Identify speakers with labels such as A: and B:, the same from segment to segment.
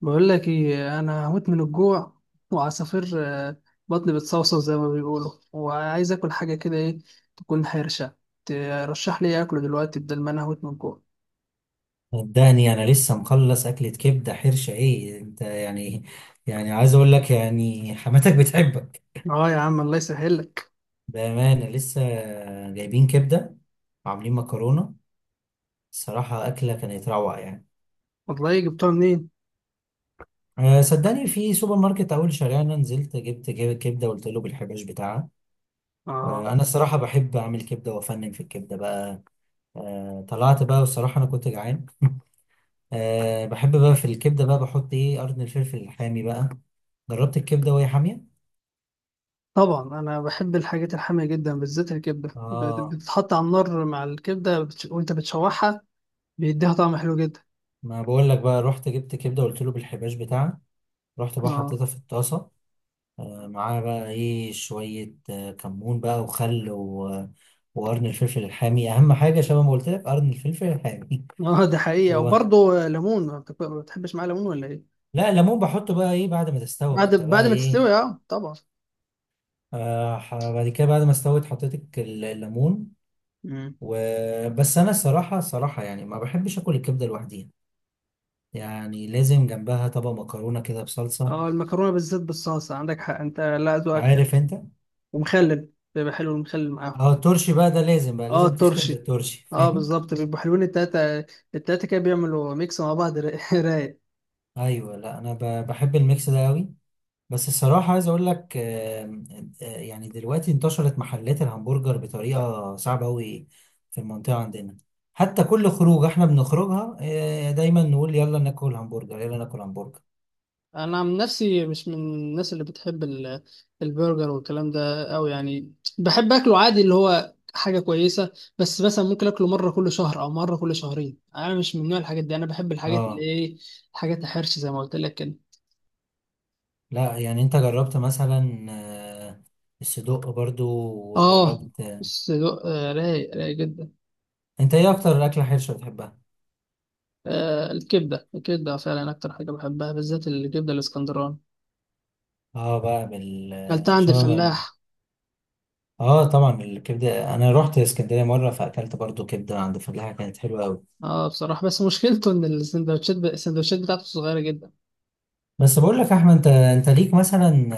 A: بقول لك ايه، انا هموت من الجوع وعصافير، بطني بتصوصو زي ما بيقولوا، وعايز اكل حاجه كده، ايه تكون حرشه؟ ترشح لي إيه اكله دلوقتي، بدل ما انا هموت من الجوع؟
B: صدقني، انا لسه مخلص اكلة كبدة حرشة، ايه انت يعني. يعني عايز اقول لك يعني حماتك بتحبك.
A: اه يا عم، الله يسهل لك.
B: بامانة لسه جايبين كبدة وعاملين مكرونة. الصراحة اكلة كانت روعة يعني.
A: والله جبتها منين؟
B: أه، صدقني في سوبر ماركت اول شارعنا، نزلت جبت كبدة وقلت له بالحباش بتاعها.
A: اه
B: أه، انا الصراحة بحب اعمل كبدة وافنن في الكبدة بقى. أه، طلعت بقى، والصراحة انا كنت جعان أه، بحب بقى في الكبدة بقى بحط ايه قرن الفلفل الحامي بقى. جربت الكبدة وهي حامية.
A: طبعا، انا بحب الحاجات الحاميه جدا، بالذات الكبده،
B: اه،
A: بتتحط على النار مع الكبده وانت بتشوحها، بيديها طعم حلو جدا.
B: ما بقول لك، بقى رحت جبت كبده قلت له بالحباش بتاعها. رحت بقى
A: اه،
B: حطيتها في الطاسه. آه، معاها بقى ايه شويه كمون بقى وخل وقرن الفلفل الحامي اهم حاجه، شبه ما قلت لك قرن الفلفل الحامي.
A: اه. ده حقيقه،
B: و...
A: وبرضه ليمون، ما بتحبش معاه ليمون ولا ايه؟
B: لا، ليمون بحطه بقى ايه بعد ما تستوي ما
A: بعد
B: انت
A: بعد
B: بقى
A: ما
B: ايه.
A: تستوي، اه طبعا.
B: بعد كده بعد ما استوت حطيت الليمون.
A: مم.
B: وبس، انا الصراحه يعني ما بحبش اكل الكبده لوحديها. يعني لازم جنبها طبق مكرونه كده بصلصه.
A: اه، المكرونه بالذات بالصلصه، عندك حق انت، لا ذوقك حلو.
B: عارف انت.
A: ومخلل، بيبقى حلو المخلل معاهم.
B: اه، الترشي بقى ده لازم، بقى
A: اه،
B: لازم تختم
A: الترشي.
B: بالترشي،
A: اه
B: فاهم؟
A: بالظبط، بيبقوا حلوين التلاته. التلاته كده بيعملوا ميكس مع بعض، رايق.
B: ايوه، لا انا بحب الميكس ده قوي. بس الصراحه عايز اقول لك يعني دلوقتي انتشرت محلات الهمبرجر بطريقه صعبه قوي في المنطقه عندنا. حتى كل خروج احنا بنخرجها، دايما نقول يلا ناكل همبرجر يلا ناكل همبرجر.
A: انا عن نفسي مش من الناس اللي بتحب البرجر والكلام ده، او يعني بحب اكله عادي اللي هو حاجه كويسه، بس مثلا ممكن اكله مره كل شهر او مره كل شهرين، انا مش من نوع الحاجات دي، انا بحب الحاجات اللي
B: اه
A: ايه، الحاجات الحرش زي ما قلت لك كده.
B: لا، يعني انت جربت مثلا الصدق برضو،
A: اه
B: وجربت.
A: الصدق، رايق رايق جدا.
B: انت ايه اكتر اكله حرشه بتحبها؟
A: آه، الكبدة الكبدة فعلا أكتر حاجة بحبها، بالذات الكبدة الإسكندراني،
B: اه، بقى
A: أكلتها عند
B: بالشمام.
A: الفلاح.
B: اه طبعا، الكبده انا رحت اسكندريه مره فاكلت برضو كبده عند فلاحه كانت حلوه قوي.
A: اه بصراحة، بس مشكلته إن السندوتشات، السندوتشات بتاعته صغيرة جدا.
B: بس بقول لك يا احمد، انت ليك مثلا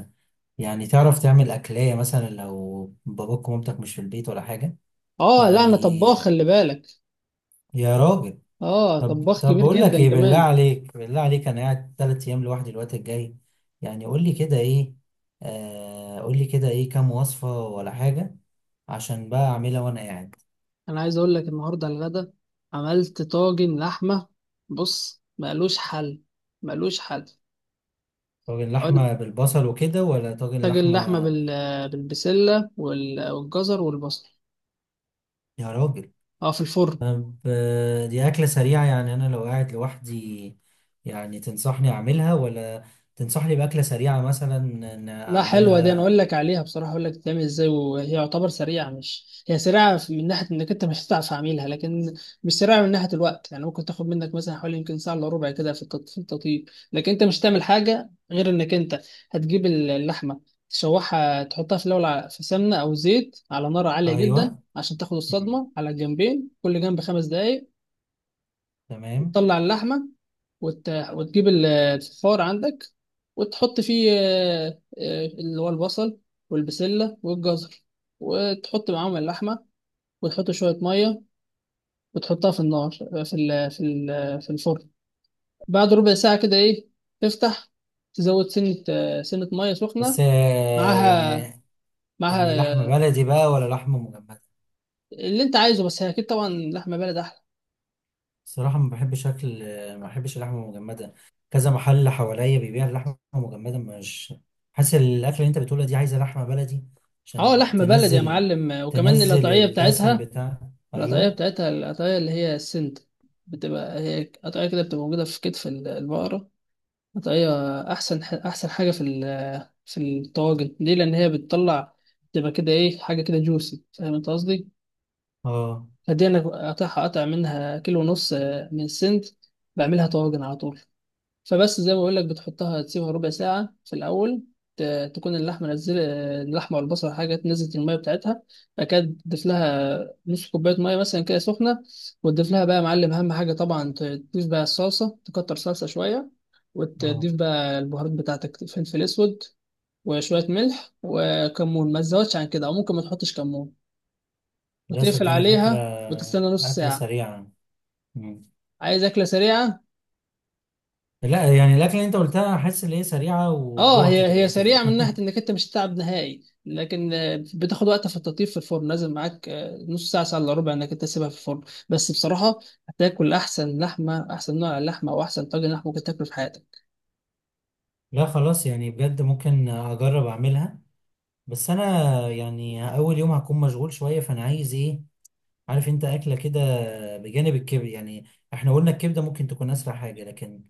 B: آه، يعني تعرف تعمل اكليه مثلا لو باباك ومامتك مش في البيت ولا حاجه؟
A: اه لا، أنا
B: يعني،
A: طباخ، خلي بالك.
B: يا راجل،
A: اه
B: طب
A: طباخ
B: طب
A: كبير
B: بقول لك
A: جدا
B: ايه، بالله
A: كمان.
B: عليك بالله عليك، انا قاعد 3 ايام لوحدي الوقت الجاي. يعني قول لي كده ايه، آه قول لي كده ايه كام وصفه ولا حاجه، عشان بقى اعملها وانا قاعد.
A: أنا عايز أقول لك، النهاردة على الغدا عملت طاجن لحمة، بص مالوش حل. مالوش حل.
B: طاجن
A: عملت
B: لحمه بالبصل وكده ولا طاجن
A: طاجن لحمة
B: لحمه؟
A: بالبسلة والجزر والبصل،
B: يا راجل.
A: اه، في الفرن.
B: طب، دي أكلة سريعة؟ يعني أنا لو قاعد لوحدي، يعني تنصحني أعملها ولا تنصحني بأكلة سريعة مثلا إن
A: لا، حلوة دي، انا
B: أعملها؟
A: اقول لك عليها بصراحة، اقول لك بتتعمل ازاي، وهي يعتبر سريعة، مش هي سريعة من ناحية انك انت مش هتعرف اعملها، لكن مش سريعة من ناحية الوقت، يعني ممكن تاخد منك مثلا حوالي يمكن ساعة الا ربع كده في في التطيب، لكن انت مش هتعمل حاجة غير انك انت هتجيب اللحمة، تشوحها، تحطها في الاول في سمنة او زيت على نار عالية جدا،
B: أيوة.
A: عشان تاخد
B: مم.
A: الصدمة على الجنبين، كل جنب خمس دقايق.
B: تمام.
A: تطلع اللحمة، وتجيب الفخار عندك، وتحط فيه اللي هو البصل والبسلة والجزر، وتحط معاهم اللحمة، وتحط شوية مية، وتحطها في النار، في الفرن. بعد ربع ساعة كده إيه، تفتح، تزود سنة مية سخنة
B: بس يعني،
A: معاها. معاها،
B: يعني لحمة بلدي بقى ولا لحمة مجمدة؟
A: اللي أنت عايزه، بس هي أكيد طبعا لحمة بلد أحلى.
B: صراحة، ما بحبش أكل، ما بحبش اللحمة المجمدة. كذا محل حواليا بيبيع اللحمة المجمدة، مش حاسس الأكلة اللي أنت بتقولها دي عايزة لحمة بلدي
A: أه،
B: عشان
A: لحمة بلد يا
B: تنزل،
A: معلم، وكمان
B: تنزل
A: القطعية
B: الدسم
A: بتاعتها.
B: بتاع.
A: القطعية
B: أيوة.
A: بتاعتها، القطعية اللي هي السنت، بتبقى هي قطعية كده، بتبقى موجودة في كتف البقرة. قطعية أحسن، أحسن حاجة في في الطواجن، ليه؟ لأن هي بتطلع تبقى كده إيه، حاجة كده جوسي، فاهم أنت قصدي؟
B: اه.
A: فدي أنا قاطعها قطع منها كيلو ونص، من السنت، بعملها طواجن على طول. فبس زي ما بقول لك، بتحطها، تسيبها ربع ساعة في الأول، تكون اللحمة نزل، اللحمة والبصل حاجة، نزلت المية بتاعتها. بعد كده تضيف لها نص كوباية مية مثلا كده سخنة، وتضيف لها بقى يا معلم، أهم حاجة طبعا، تضيف بقى الصلصة، تكتر صلصة شوية،
B: اه،
A: وتضيف بقى البهارات بتاعتك، فلفل أسود وشوية ملح وكمون، ما تزودش عن كده، أو ممكن ما تحطش كمون،
B: لا
A: وتقفل
B: صدقني فكرة.
A: عليها وتستنى نص
B: أكلة
A: ساعة.
B: سريعة. مم.
A: عايز أكلة سريعة.
B: لا يعني الأكلة اللي أنت قلتها أحس إن هي سريعة،
A: اه،
B: وجوعت
A: هي
B: دلوقتي
A: سريعه من ناحيه
B: يعني.
A: انك انت مش هتتعب نهائي، لكن بتاخد وقت في التطيب، في الفرن لازم معاك نص ساعه، ساعه الا ربع، انك انت تسيبها في الفرن. بس بصراحه، هتاكل احسن لحمه، احسن نوع لحمه، او احسن طاجن لحمه ممكن تاكله في حياتك.
B: لا خلاص، يعني بجد ممكن أجرب أعملها. بس أنا يعني أول يوم هكون مشغول شوية، فأنا عايز إيه، عارف أنت، أكلة كده بجانب الكبد يعني. إحنا قلنا الكبدة ممكن تكون أسرع حاجة، لكن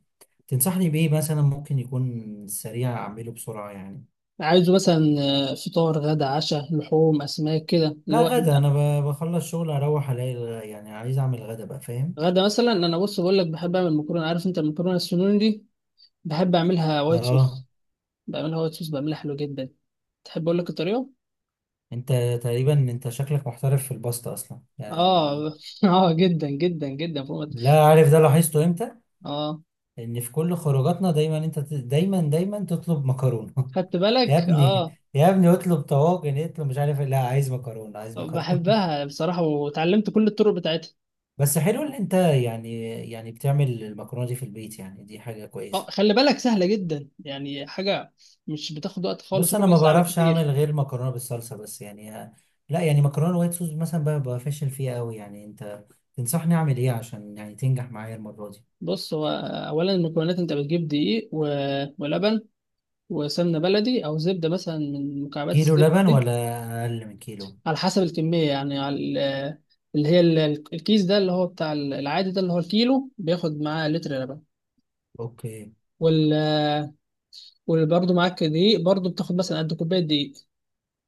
B: تنصحني بإيه مثلا ممكن يكون سريع أعمله بسرعة يعني؟
A: عايزه مثلا فطار، غدا، عشاء، لحوم، اسماك كده اللي
B: لا،
A: هو انت.
B: غدا أنا بخلص شغل أروح ألاقي يعني عايز أعمل غدا بقى، فاهم؟
A: غدا مثلا، انا بص بقول لك بحب اعمل مكرونه، عارف انت المكرونه السنون دي، بحب اعملها وايت
B: آه.
A: صوص. بعملها وايت صوص، بعملها حلو جدا. تحب اقول لك الطريقه؟
B: انت تقريبا، انت شكلك محترف في الباستا اصلا يعني.
A: اه. اه، جدا جدا جدا، فوق ما-
B: لا عارف ده لاحظته امتى،
A: اه.
B: ان في كل خروجاتنا دايما انت دايما دايما تطلب مكرونه
A: خدت
B: يا
A: بالك؟
B: ابني،
A: اه.
B: يا ابني اطلب طواجن، اطلب مش عارف إيه. لا، عايز مكرونه عايز مكرونه
A: بحبها بصراحة، وتعلمت كل الطرق بتاعتها.
B: بس حلو ان انت يعني، يعني بتعمل المكرونه دي في البيت، يعني دي حاجه
A: اه
B: كويسه.
A: خلي بالك، سهلة جدا، يعني حاجة مش بتاخد وقت خالص،
B: بص، انا
A: ربع
B: ما
A: ساعة
B: بعرفش
A: بالكتير.
B: اعمل غير مكرونه بالصلصه، بس يعني لا يعني مكرونه وايت صوص مثلا بقى فاشل فيها قوي، يعني انت تنصحني اعمل ايه عشان يعني تنجح معايا المره دي؟
A: بص هو، أولا المكونات، أنت بتجيب دقيق ولبن وسمنة بلدي، أو زبدة مثلا من مكعبات
B: كيلو
A: الزبدة
B: لبن
A: دي.
B: ولا اقل من كيلو؟
A: على حسب الكمية، يعني اللي هي الكيس ده، اللي هو بتاع العادي ده، اللي هو الكيلو، بياخد معاه لتر لبن
B: اوكي.
A: وال وبرضه معاك دقيق، برضه بتاخد مثلا قد كوباية دقيق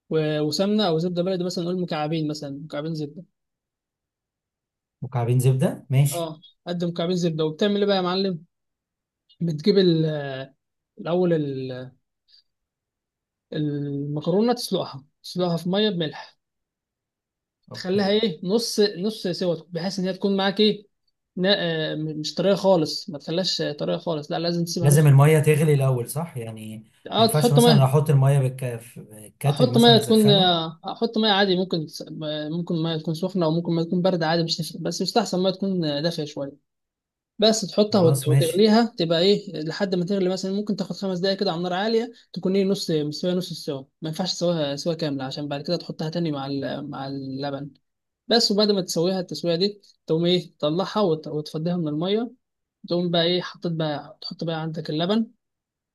A: وسمنه او زبده بلدي، مثلا نقول مكعبين، مثلا مكعبين زبده.
B: مكعبين زبده ماشي.
A: اه، قد مكعبين زبده. وبتعمل ايه بقى يا معلم؟ بتجيب الاول ال- المكرونه، تسلقها في ميه بملح، تخليها
B: اوكي.
A: ايه، نص نص سوا، بحيث ان هي تكون معاك ايه، نا- مش طريه خالص، ما تخليهاش طريه خالص، لا لازم تسيبها
B: لازم
A: نص.
B: الميه تغلي الاول صح يعني؟ ما
A: اه،
B: ينفعش
A: تحط
B: مثلا
A: ميه،
B: احط الميه في الكاتل
A: احط ميه
B: مثلا
A: تكون
B: اسخنه؟
A: احط ميه عادي، ممكن ممكن ميه تكون سخنه، او ممكن ميه تكون بارده، عادي مش تفرق، بس يستحسن ميه تكون دافيه شويه. بس تحطها
B: خلاص ماشي.
A: وتغليها، تبقى ايه، لحد ما تغلي، مثلا ممكن تاخد خمس دقايق كده على نار عاليه، تكون ايه، نص مستويه، نص السوا، ما ينفعش تسويها سوا كامله، عشان بعد كده تحطها تاني مع مع اللبن. بس، وبعد ما تسويها التسويه دي، تقوم ايه، تطلعها وتفضيها من الميه. تقوم بقى ايه، حطيت بقى، تحط بقى عندك اللبن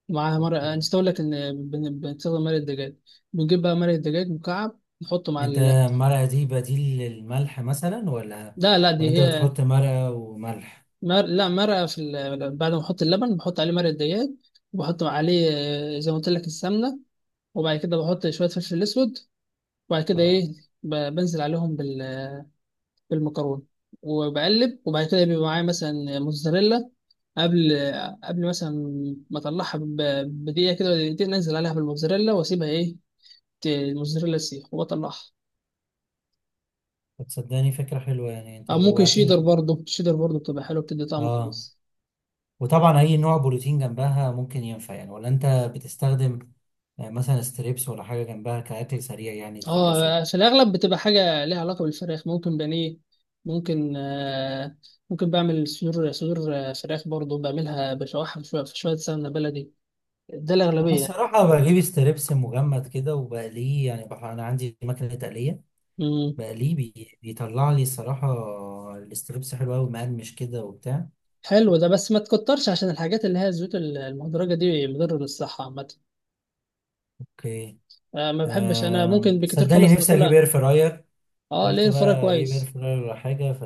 A: ومعاها مرق،
B: اوكي.
A: نسيت اقول لك ان بنستخدم مرق الدجاج. بنجيب بقى مرق الدجاج مكعب، نحطه مع
B: انت المرقه دي بديل للملح مثلا، ولا
A: لا لا،
B: ولا
A: دي
B: انت
A: هي
B: بتحط مرقه وملح؟
A: لا، مرقة في بعد ما احط اللبن بحط عليه مرقة دجاج، وبحط عليه زي ما قلت لك السمنة، وبعد كده بحط شوية فلفل اسود، وبعد كده
B: اه.
A: ايه، بنزل عليهم بالمكرونة، وبقلب. وبعد كده بيبقى معايا مثلا موتزاريلا، قبل، قبل مثلا ما اطلعها بدقيقة كده ولا دقيقتين، انزل عليها بالموتزاريلا واسيبها ايه، الموتزاريلا تسيح وبطلعها.
B: تصدقني فكره حلوه، يعني انت
A: او ممكن شيدر
B: جوعتني.
A: برضه، شيدر برضه بتبقى حلوة، بتدي طعم
B: اه.
A: كويس.
B: وطبعا اي نوع بروتين جنبها ممكن ينفع يعني، ولا انت بتستخدم يعني مثلا ستريبس ولا حاجة جنبها كأكل سريع يعني يتخلصوا؟
A: اه، في الاغلب بتبقى حاجه ليها علاقه بالفراخ، ممكن بانيه، ممكن آه ممكن بعمل صدور، فراخ برضو، بعملها بشوحها شويه في شويه سمنه بلدي، ده
B: أنا
A: الاغلبيه.
B: الصراحة بجيب ستريبس مجمد كده وبقليه، يعني أنا عندي مكنة تقلية،
A: امم.
B: بقليه بيطلع لي الصراحة الستريبس حلو أوي مقرمش كده وبتاع.
A: حلو ده، بس ما تكترش، عشان الحاجات اللي هي الزيوت المهدرجه دي مضره للصحه عامه.
B: أوكي.
A: ما بحبش انا، ممكن بكتير
B: صدقني
A: خالص
B: نفسي أجيب
A: باكلها.
B: إير فراير،
A: اه ليه،
B: قلت
A: الفراخ
B: بقى أجيب إير
A: كويس.
B: فراير ولا حاجة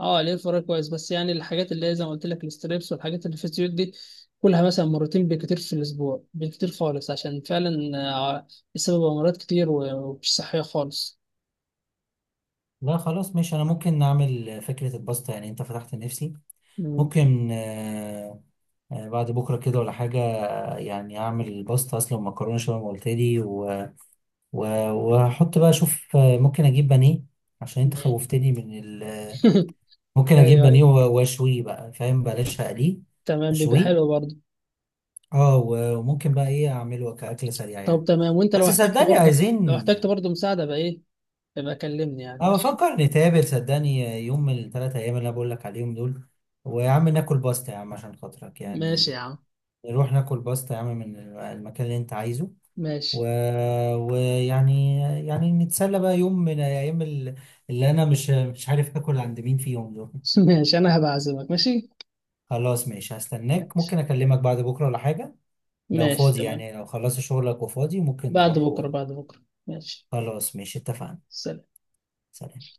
A: اه ليه، فراي كويس، بس يعني الحاجات اللي هي زي ما قلت لك الستريبس والحاجات اللي في الزيوت دي، كلها مثلا مرتين بالكتير في الاسبوع، بالكتير خالص، عشان فعلا آه، السبب امراض كتير، ومش صحيه خالص.
B: لا خلاص ماشي، أنا ممكن نعمل فكرة الباستا، يعني أنت فتحت نفسي.
A: مم.
B: ممكن بعد بكرة كده ولا حاجة، يعني أعمل باستا أصلا مكرونة شبه ما قلت لي و- واحط بقى اشوف، ممكن اجيب بانيه، عشان انت
A: مم.
B: خوفتني من ممكن اجيب
A: ايوه،
B: بانيه
A: ايوه.
B: واشويه بقى، فاهم؟ بلاش اقليه.
A: تمام، بيبقى
B: اشويه.
A: حلو برضه.
B: اه وممكن بقى ايه اعمله كاكل سريع
A: طب
B: يعني؟
A: تمام، وانت لو
B: بس
A: احتجت
B: صدقني
A: برضه، لو
B: عايزين.
A: احتجت برضه مساعده بقى ايه، يبقى كلمني، يعني
B: اه،
A: ماشي.
B: بفكر نتقابل صدقني يوم من الثلاث ايام اللي انا بقول لك عليهم دول، ويا عم ناكل باستا يا عم عشان خاطرك
A: ماشي
B: يعني،
A: يا عم.
B: نروح ناكل باستا يا عم من المكان اللي انت عايزه،
A: ماشي.
B: و... ويعني نتسلى بقى يوم من ايام اللي انا مش عارف اكل عند مين فيهم دول.
A: ماشي، انا هبعزمك، ماشي.
B: خلاص ماشي هستناك،
A: ماشي.
B: ممكن اكلمك بعد بكره ولا حاجه. لو
A: ماشي،
B: فاضي،
A: تمام.
B: يعني لو خلصت شغلك وفاضي، ممكن
A: بعد
B: نروح
A: بكره، بعد بكره. ماشي.
B: خلاص ماشي اتفقنا.
A: سلام.
B: سلام